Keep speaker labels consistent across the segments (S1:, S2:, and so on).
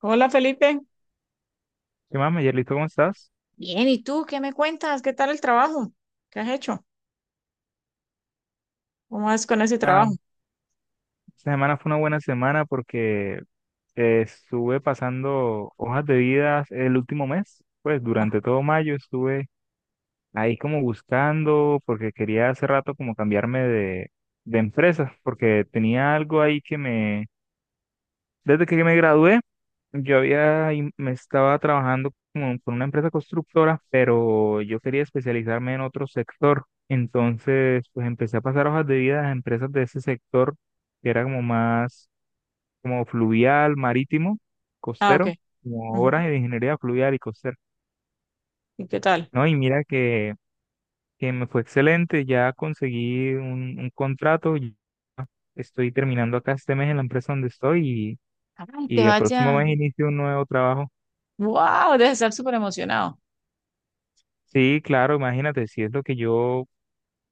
S1: Hola, Felipe.
S2: ¿Qué más, Mayerlito? ¿Cómo estás?
S1: Bien, ¿y tú qué me cuentas? ¿Qué tal el trabajo? ¿Qué has hecho? ¿Cómo vas con ese
S2: Ah,
S1: trabajo?
S2: esta semana fue una buena semana porque estuve pasando hojas de vida el último mes, pues
S1: Ah,
S2: durante todo mayo estuve ahí como buscando porque quería hace rato como cambiarme de empresa porque tenía algo ahí que me... Desde que me gradué, yo había, me estaba trabajando como con una empresa constructora, pero yo quería especializarme en otro sector. Entonces, pues empecé a pasar hojas de vida a las empresas de ese sector, que era como más como fluvial, marítimo,
S1: ah, ok.
S2: costero, como
S1: Ujú.
S2: obras de ingeniería fluvial y costera.
S1: ¿Y qué tal?
S2: No, y mira que me fue excelente, ya conseguí un contrato, y estoy terminando acá este mes en la empresa donde estoy
S1: Ay,
S2: y,
S1: te
S2: y el próximo
S1: vaya.
S2: mes inicio un nuevo trabajo.
S1: Wow, debes estar súper emocionado.
S2: Sí, claro, imagínate, si es lo que yo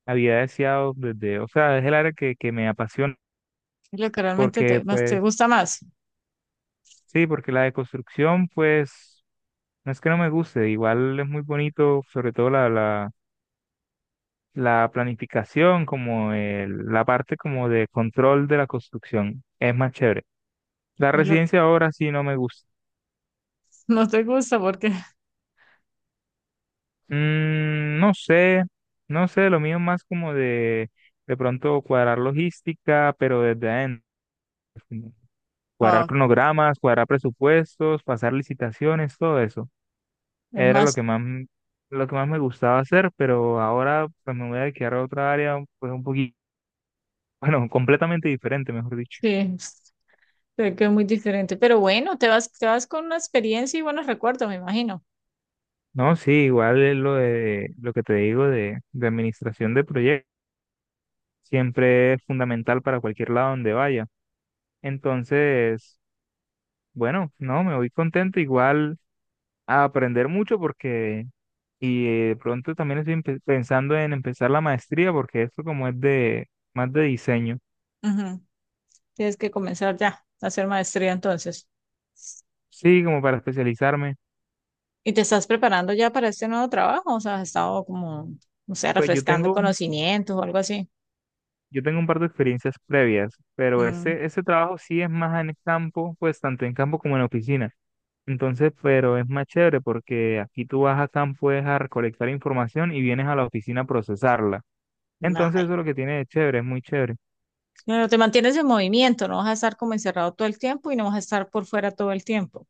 S2: había deseado desde, o sea, es el área que me apasiona,
S1: Es lo que realmente
S2: porque
S1: más te
S2: pues,
S1: gusta más.
S2: sí, porque la deconstrucción, pues, no es que no me guste, igual es muy bonito, sobre todo la planificación, como la parte como de control de la construcción, es más chévere. La
S1: Es lo
S2: residencia ahora sí no me gusta.
S1: no te gusta porque
S2: Mm, no sé, no sé, lo mío es más como de pronto cuadrar logística, pero desde adentro. Cuadrar
S1: ah,
S2: cronogramas, cuadrar presupuestos, pasar licitaciones, todo eso.
S1: es
S2: Era lo que
S1: más,
S2: más, lo que más me gustaba hacer, pero ahora pues me voy a dedicar a otra área, pues un poquito, bueno, completamente diferente, mejor dicho.
S1: sí, sé que es muy diferente. Pero bueno, te vas con una experiencia y buenos recuerdos, me imagino.
S2: No, sí, igual es lo de lo que te digo de administración de proyectos. Siempre es fundamental para cualquier lado donde vaya. Entonces, bueno, no, me voy contento igual a aprender mucho porque... Y de pronto también estoy pensando en empezar la maestría porque esto como es de más de diseño.
S1: Ujú. Tienes que comenzar ya a hacer maestría entonces.
S2: Sí, como para especializarme.
S1: ¿Y te estás preparando ya para este nuevo trabajo? O sea, has estado como, no sé,
S2: Pues yo
S1: refrescando
S2: tengo,
S1: conocimientos o algo así.
S2: yo tengo un par de experiencias previas, pero
S1: Mm,
S2: ese trabajo sí es más en el campo, pues tanto en campo como en oficina. Entonces, pero es más chévere porque aquí tú vas a campo es a recolectar información y vienes a la oficina a procesarla. Entonces
S1: ay,
S2: eso es lo que tiene de chévere, es muy chévere.
S1: pero te mantienes en movimiento, no vas a estar como encerrado todo el tiempo y no vas a estar por fuera todo el tiempo.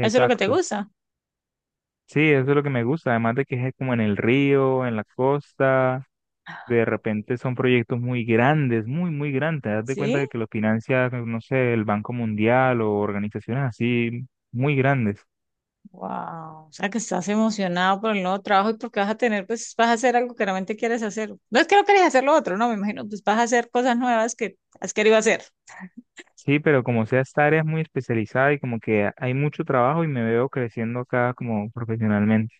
S1: ¿Eso es lo que te gusta?
S2: Sí, eso es lo que me gusta, además de que es como en el río, en la costa. De repente son proyectos muy grandes, muy, muy grandes. Haz de cuenta
S1: Sí.
S2: de que los financia, no sé, el Banco Mundial o organizaciones así muy grandes.
S1: Wow. O sea, que estás emocionado por el nuevo trabajo y porque vas a tener, pues vas a hacer algo que realmente quieres hacer. No es que no quieres hacer lo otro, no, me imagino, pues vas a hacer cosas nuevas que has querido hacer.
S2: Sí, pero como sea, esta área es muy especializada y como que hay mucho trabajo y me veo creciendo acá como profesionalmente.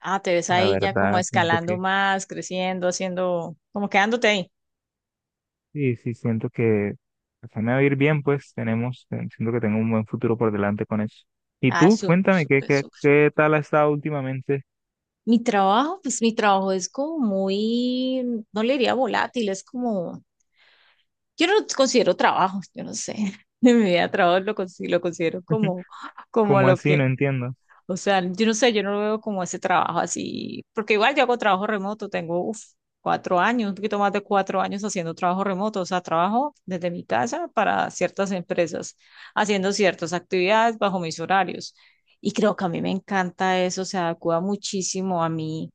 S1: Ah, te ves
S2: La
S1: ahí ya como
S2: verdad, siento
S1: escalando
S2: que,
S1: más, creciendo, haciendo, como quedándote ahí.
S2: sí, sí, siento que se me va a ir bien, pues tenemos, siento que tengo un buen futuro por delante con eso. Y
S1: Ah,
S2: tú, cuéntame, ¿qué,
S1: súper,
S2: qué,
S1: súper.
S2: qué tal has estado últimamente?
S1: Mi trabajo, pues mi trabajo es como muy, no le diría volátil, es como, yo no lo considero trabajo, yo no sé, en mi vida trabajo lo considero como, como
S2: ¿Cómo
S1: lo
S2: así? No
S1: que,
S2: entiendo. O
S1: o sea, yo no sé, yo no lo veo como ese trabajo así, porque igual yo hago trabajo remoto, tengo uf, 4 años, un poquito más de 4 años haciendo trabajo remoto, o sea, trabajo desde mi casa para ciertas empresas, haciendo ciertas actividades bajo mis horarios. Y creo que a mí me encanta eso, se adecua muchísimo a mí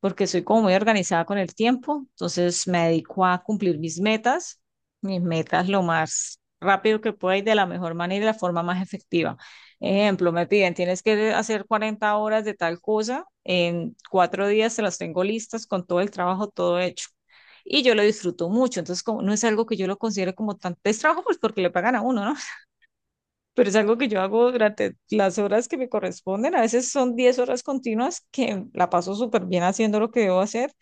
S1: porque soy como muy organizada con el tiempo, entonces me dedico a cumplir mis metas lo más rápido que pueda y de la mejor manera y de la forma más efectiva. Ejemplo, me piden, tienes que hacer 40 horas de tal cosa, en 4 días se las tengo listas con todo el trabajo, todo hecho. Y yo lo disfruto mucho, entonces como, no es algo que yo lo considere como tan, es trabajo pues porque le pagan a uno, ¿no? Pero es algo que yo hago durante las horas que me corresponden, a veces son 10 horas continuas que la paso súper bien haciendo lo que debo hacer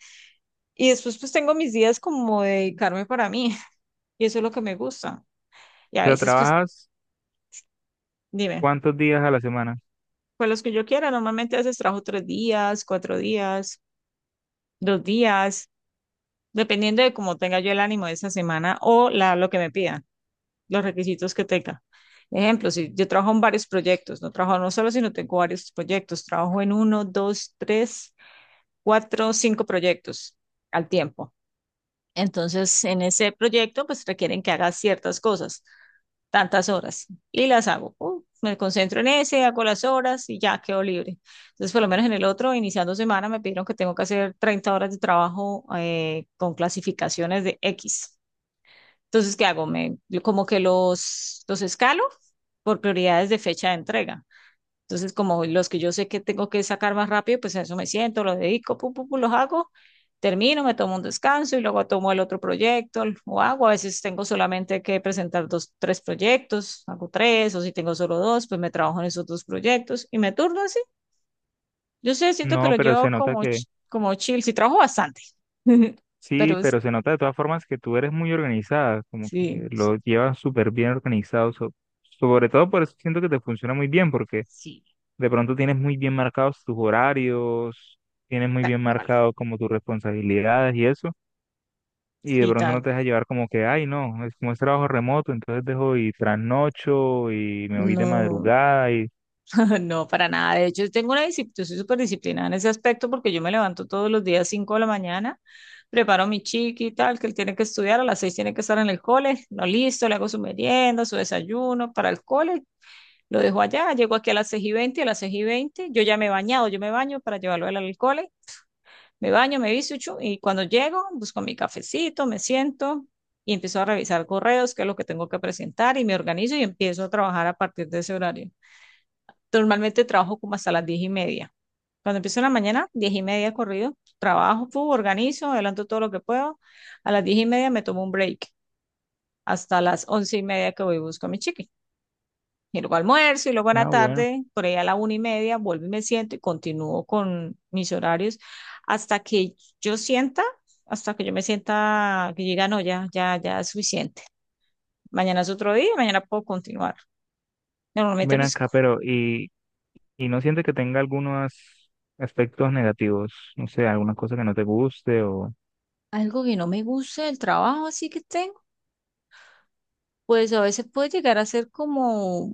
S1: y después pues tengo mis días como de dedicarme para mí y eso es lo que me gusta. Y a
S2: sea,
S1: veces pues
S2: trabajas...
S1: dime,
S2: ¿Cuántos días a la semana?
S1: pues los que yo quiera, normalmente a veces trabajo 3 días, 4 días, 2 días, dependiendo de cómo tenga yo el ánimo de esa semana o lo que me pidan, los requisitos que tenga. Ejemplo, si yo trabajo en varios proyectos, no trabajo no solo, sino tengo varios proyectos, trabajo en uno, dos, tres, cuatro, cinco proyectos al tiempo. Entonces, en ese proyecto, pues requieren que haga ciertas cosas, tantas horas y las hago. Me concentro en ese, hago las horas y ya quedo libre. Entonces, por lo menos en el otro, iniciando semana, me pidieron que tengo que hacer 30 horas de trabajo con clasificaciones de X. Entonces, ¿qué hago? Me, yo como que los escalo por prioridades de fecha de entrega. Entonces, como los que yo sé que tengo que sacar más rápido, pues a eso me siento, lo dedico, pum, pum, pum, los hago, termino, me tomo un descanso y luego tomo el otro proyecto o hago. A veces tengo solamente que presentar dos, tres proyectos, hago tres, o si tengo solo dos, pues me trabajo en esos dos proyectos y me turno así. Yo sé, siento que
S2: No,
S1: lo
S2: pero
S1: llevo
S2: se nota
S1: como,
S2: que,
S1: como chill, sí trabajo bastante,
S2: sí,
S1: pero es,
S2: pero se nota de todas formas que tú eres muy organizada, como que
S1: sí,
S2: lo llevas súper bien organizado, sobre todo por eso siento que te funciona muy bien, porque
S1: sí,
S2: de pronto tienes muy bien marcados tus horarios, tienes muy
S1: tal
S2: bien
S1: cual,
S2: marcado como tus responsabilidades y eso, y de
S1: sí,
S2: pronto no
S1: tal.
S2: te dejas llevar como que, ay, no, es como es trabajo remoto, entonces dejo y trasnocho y me voy de
S1: No.
S2: madrugada y...
S1: No, para nada. De hecho, tengo una disciplina, yo soy súper disciplinada en ese aspecto porque yo me levanto todos los días 5 de la mañana, preparo a mi chiqui y tal, que él tiene que estudiar, a las 6 tiene que estar en el cole, no listo, le hago su merienda, su desayuno para el cole, lo dejo allá, llego aquí a las 6:20. A las 6:20, yo ya me he bañado, yo me baño para llevarlo a él al cole, me baño, me visto y chu, y cuando llego, busco mi cafecito, me siento y empiezo a revisar correos, qué es lo que tengo que presentar y me organizo y empiezo a trabajar a partir de ese horario. Normalmente trabajo como hasta las 10:30. Cuando empiezo en la mañana, 10:30 corrido, trabajo, fu, organizo, adelanto todo lo que puedo. A las 10:30 me tomo un break hasta las 11:30 que voy y busco a mi chiqui. Y luego almuerzo y luego a la
S2: ah, bueno,
S1: tarde, por ahí a la 1:30, vuelvo y me siento y continúo con mis horarios hasta que yo sienta, hasta que yo me sienta que llega, no, ya, ya, ya es suficiente. Mañana es otro día, mañana puedo continuar. Normalmente,
S2: ven
S1: pues,
S2: acá, pero... Y no siente que tenga algunos aspectos negativos, no sé, alguna cosa que no te guste o
S1: algo que no me gusta del trabajo, así que tengo pues a veces puede llegar a ser como,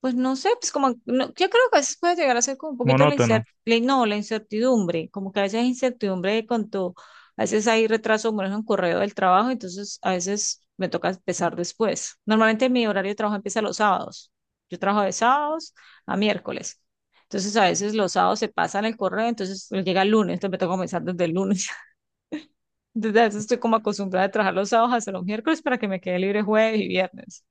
S1: pues no sé, pues como, no, yo creo que a veces puede llegar a ser como un poquito la
S2: monótono.
S1: incertidumbre, no, la incertidumbre, como que a veces hay incertidumbre de cuanto, a veces hay retraso, bueno ejemplo, un correo del trabajo, entonces a veces me toca empezar después. Normalmente mi horario de trabajo empieza los sábados. Yo trabajo de sábados a miércoles. Entonces a veces los sábados se pasan el correo, entonces llega el lunes, entonces me toca comenzar desde el lunes. Entonces a veces estoy como acostumbrada a trabajar los sábados hasta los miércoles para que me quede libre jueves y viernes,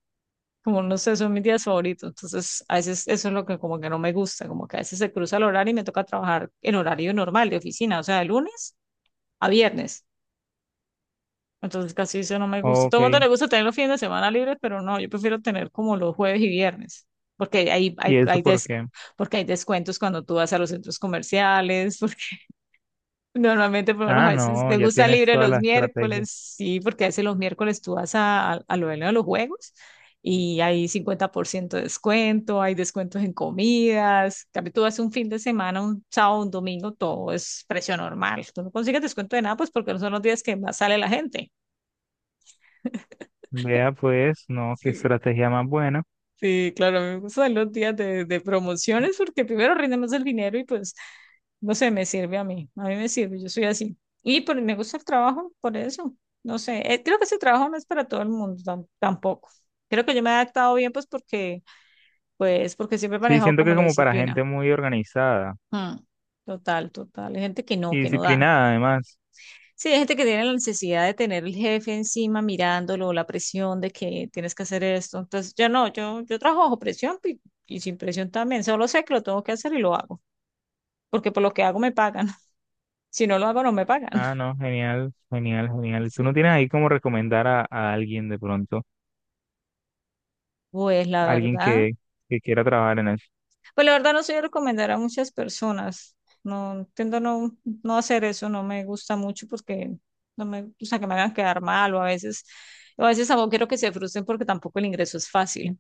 S1: como no sé, son mis días favoritos. Entonces, a veces eso es lo que como que no me gusta, como que a veces se cruza el horario y me toca trabajar en horario normal de oficina, o sea, de lunes a viernes. Entonces, casi eso no me gusta.
S2: Ok,
S1: Todo el mundo le gusta tener los fines de semana libres, pero no, yo prefiero tener como los jueves y viernes, porque hay, hay,
S2: ¿y eso
S1: hay,
S2: por
S1: des-
S2: qué?
S1: porque hay descuentos cuando tú vas a los centros comerciales. Normalmente, por lo menos, a
S2: Ah,
S1: veces
S2: no,
S1: me
S2: ya
S1: gusta
S2: tienes
S1: libre
S2: toda
S1: los
S2: la estrategia.
S1: miércoles, sí, porque a veces los miércoles tú vas a lo de los juegos y hay 50% de descuento, hay descuentos en comidas. En cambio, tú vas un fin de semana, un sábado, un domingo, todo es precio normal. Tú no consigues descuento de nada, pues porque no son los días que más sale la gente.
S2: Vea pues, no, qué estrategia más buena.
S1: Sí, claro, a mí me gustan los días de promociones porque primero rinde más el dinero y pues, no sé, me sirve a mí me sirve, yo soy así. Y por, me gusta el trabajo, por eso, no sé, creo que ese trabajo no es para todo el mundo tampoco. Creo que yo me he adaptado bien pues porque siempre he
S2: Sí,
S1: manejado
S2: siento
S1: como
S2: que
S1: la
S2: como para
S1: disciplina.
S2: gente muy organizada
S1: Mm, total, total, hay gente
S2: y
S1: que no da.
S2: disciplinada además.
S1: Sí, hay gente que tiene la necesidad de tener el jefe encima mirándolo, la presión de que tienes que hacer esto. Entonces, yo no, yo trabajo bajo presión y, sin presión también. Solo sé que lo tengo que hacer y lo hago, porque por lo que hago me pagan. Si no lo hago, no me pagan.
S2: Ah, no, genial, genial, genial. ¿Tú
S1: Sí.
S2: no tienes ahí como recomendar a alguien de pronto?
S1: Pues la
S2: Alguien
S1: verdad,
S2: que quiera trabajar en eso.
S1: pues la verdad, no soy de recomendar a muchas personas. No, tiendo a no hacer eso, no me gusta mucho porque no me gusta que me hagan quedar mal o a veces tampoco quiero que se frustren porque tampoco el ingreso es fácil.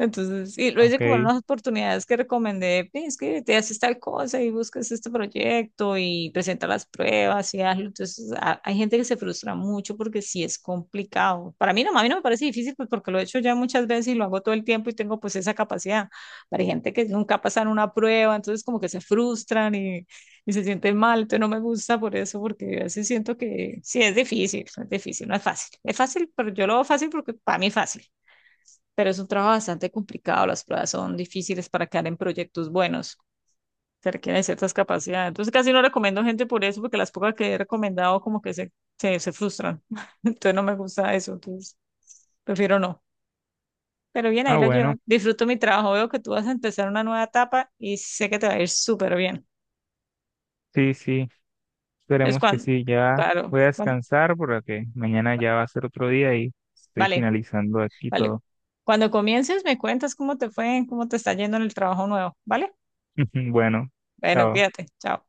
S1: Entonces, y lo hice como en
S2: Ok,
S1: unas oportunidades que recomendé, "Ve, es que te haces tal cosa y buscas este proyecto y presenta las pruebas y hazlo". Entonces, hay gente que se frustra mucho porque sí es complicado. Para mí no, a mí no me parece difícil pues porque lo he hecho ya muchas veces y lo hago todo el tiempo y tengo pues esa capacidad. Pero hay gente que nunca pasan una prueba, entonces como que se frustran y se sienten mal. Entonces no me gusta por eso porque a veces siento que sí es difícil, no es fácil. Es fácil, pero yo lo veo fácil porque para mí es fácil, pero es un trabajo bastante complicado, las pruebas son difíciles para quedar en proyectos buenos, se requieren ciertas capacidades. Entonces casi no recomiendo gente por eso, porque las pocas que he recomendado como que se frustran. Entonces no me gusta eso, entonces prefiero no. Pero bien, ahí
S2: ah,
S1: la
S2: bueno,
S1: llevo. Disfruto mi trabajo, veo que tú vas a empezar una nueva etapa y sé que te va a ir súper bien.
S2: sí, sí.
S1: Es
S2: Esperemos que
S1: cuando,
S2: sí, ya
S1: claro,
S2: voy a descansar porque mañana ya va a ser otro día y estoy
S1: vale,
S2: finalizando aquí
S1: vale.
S2: todo.
S1: Cuando comiences me cuentas cómo te fue, cómo te está yendo en el trabajo nuevo, ¿vale?
S2: Bueno,
S1: Bueno,
S2: chao.
S1: cuídate, chao.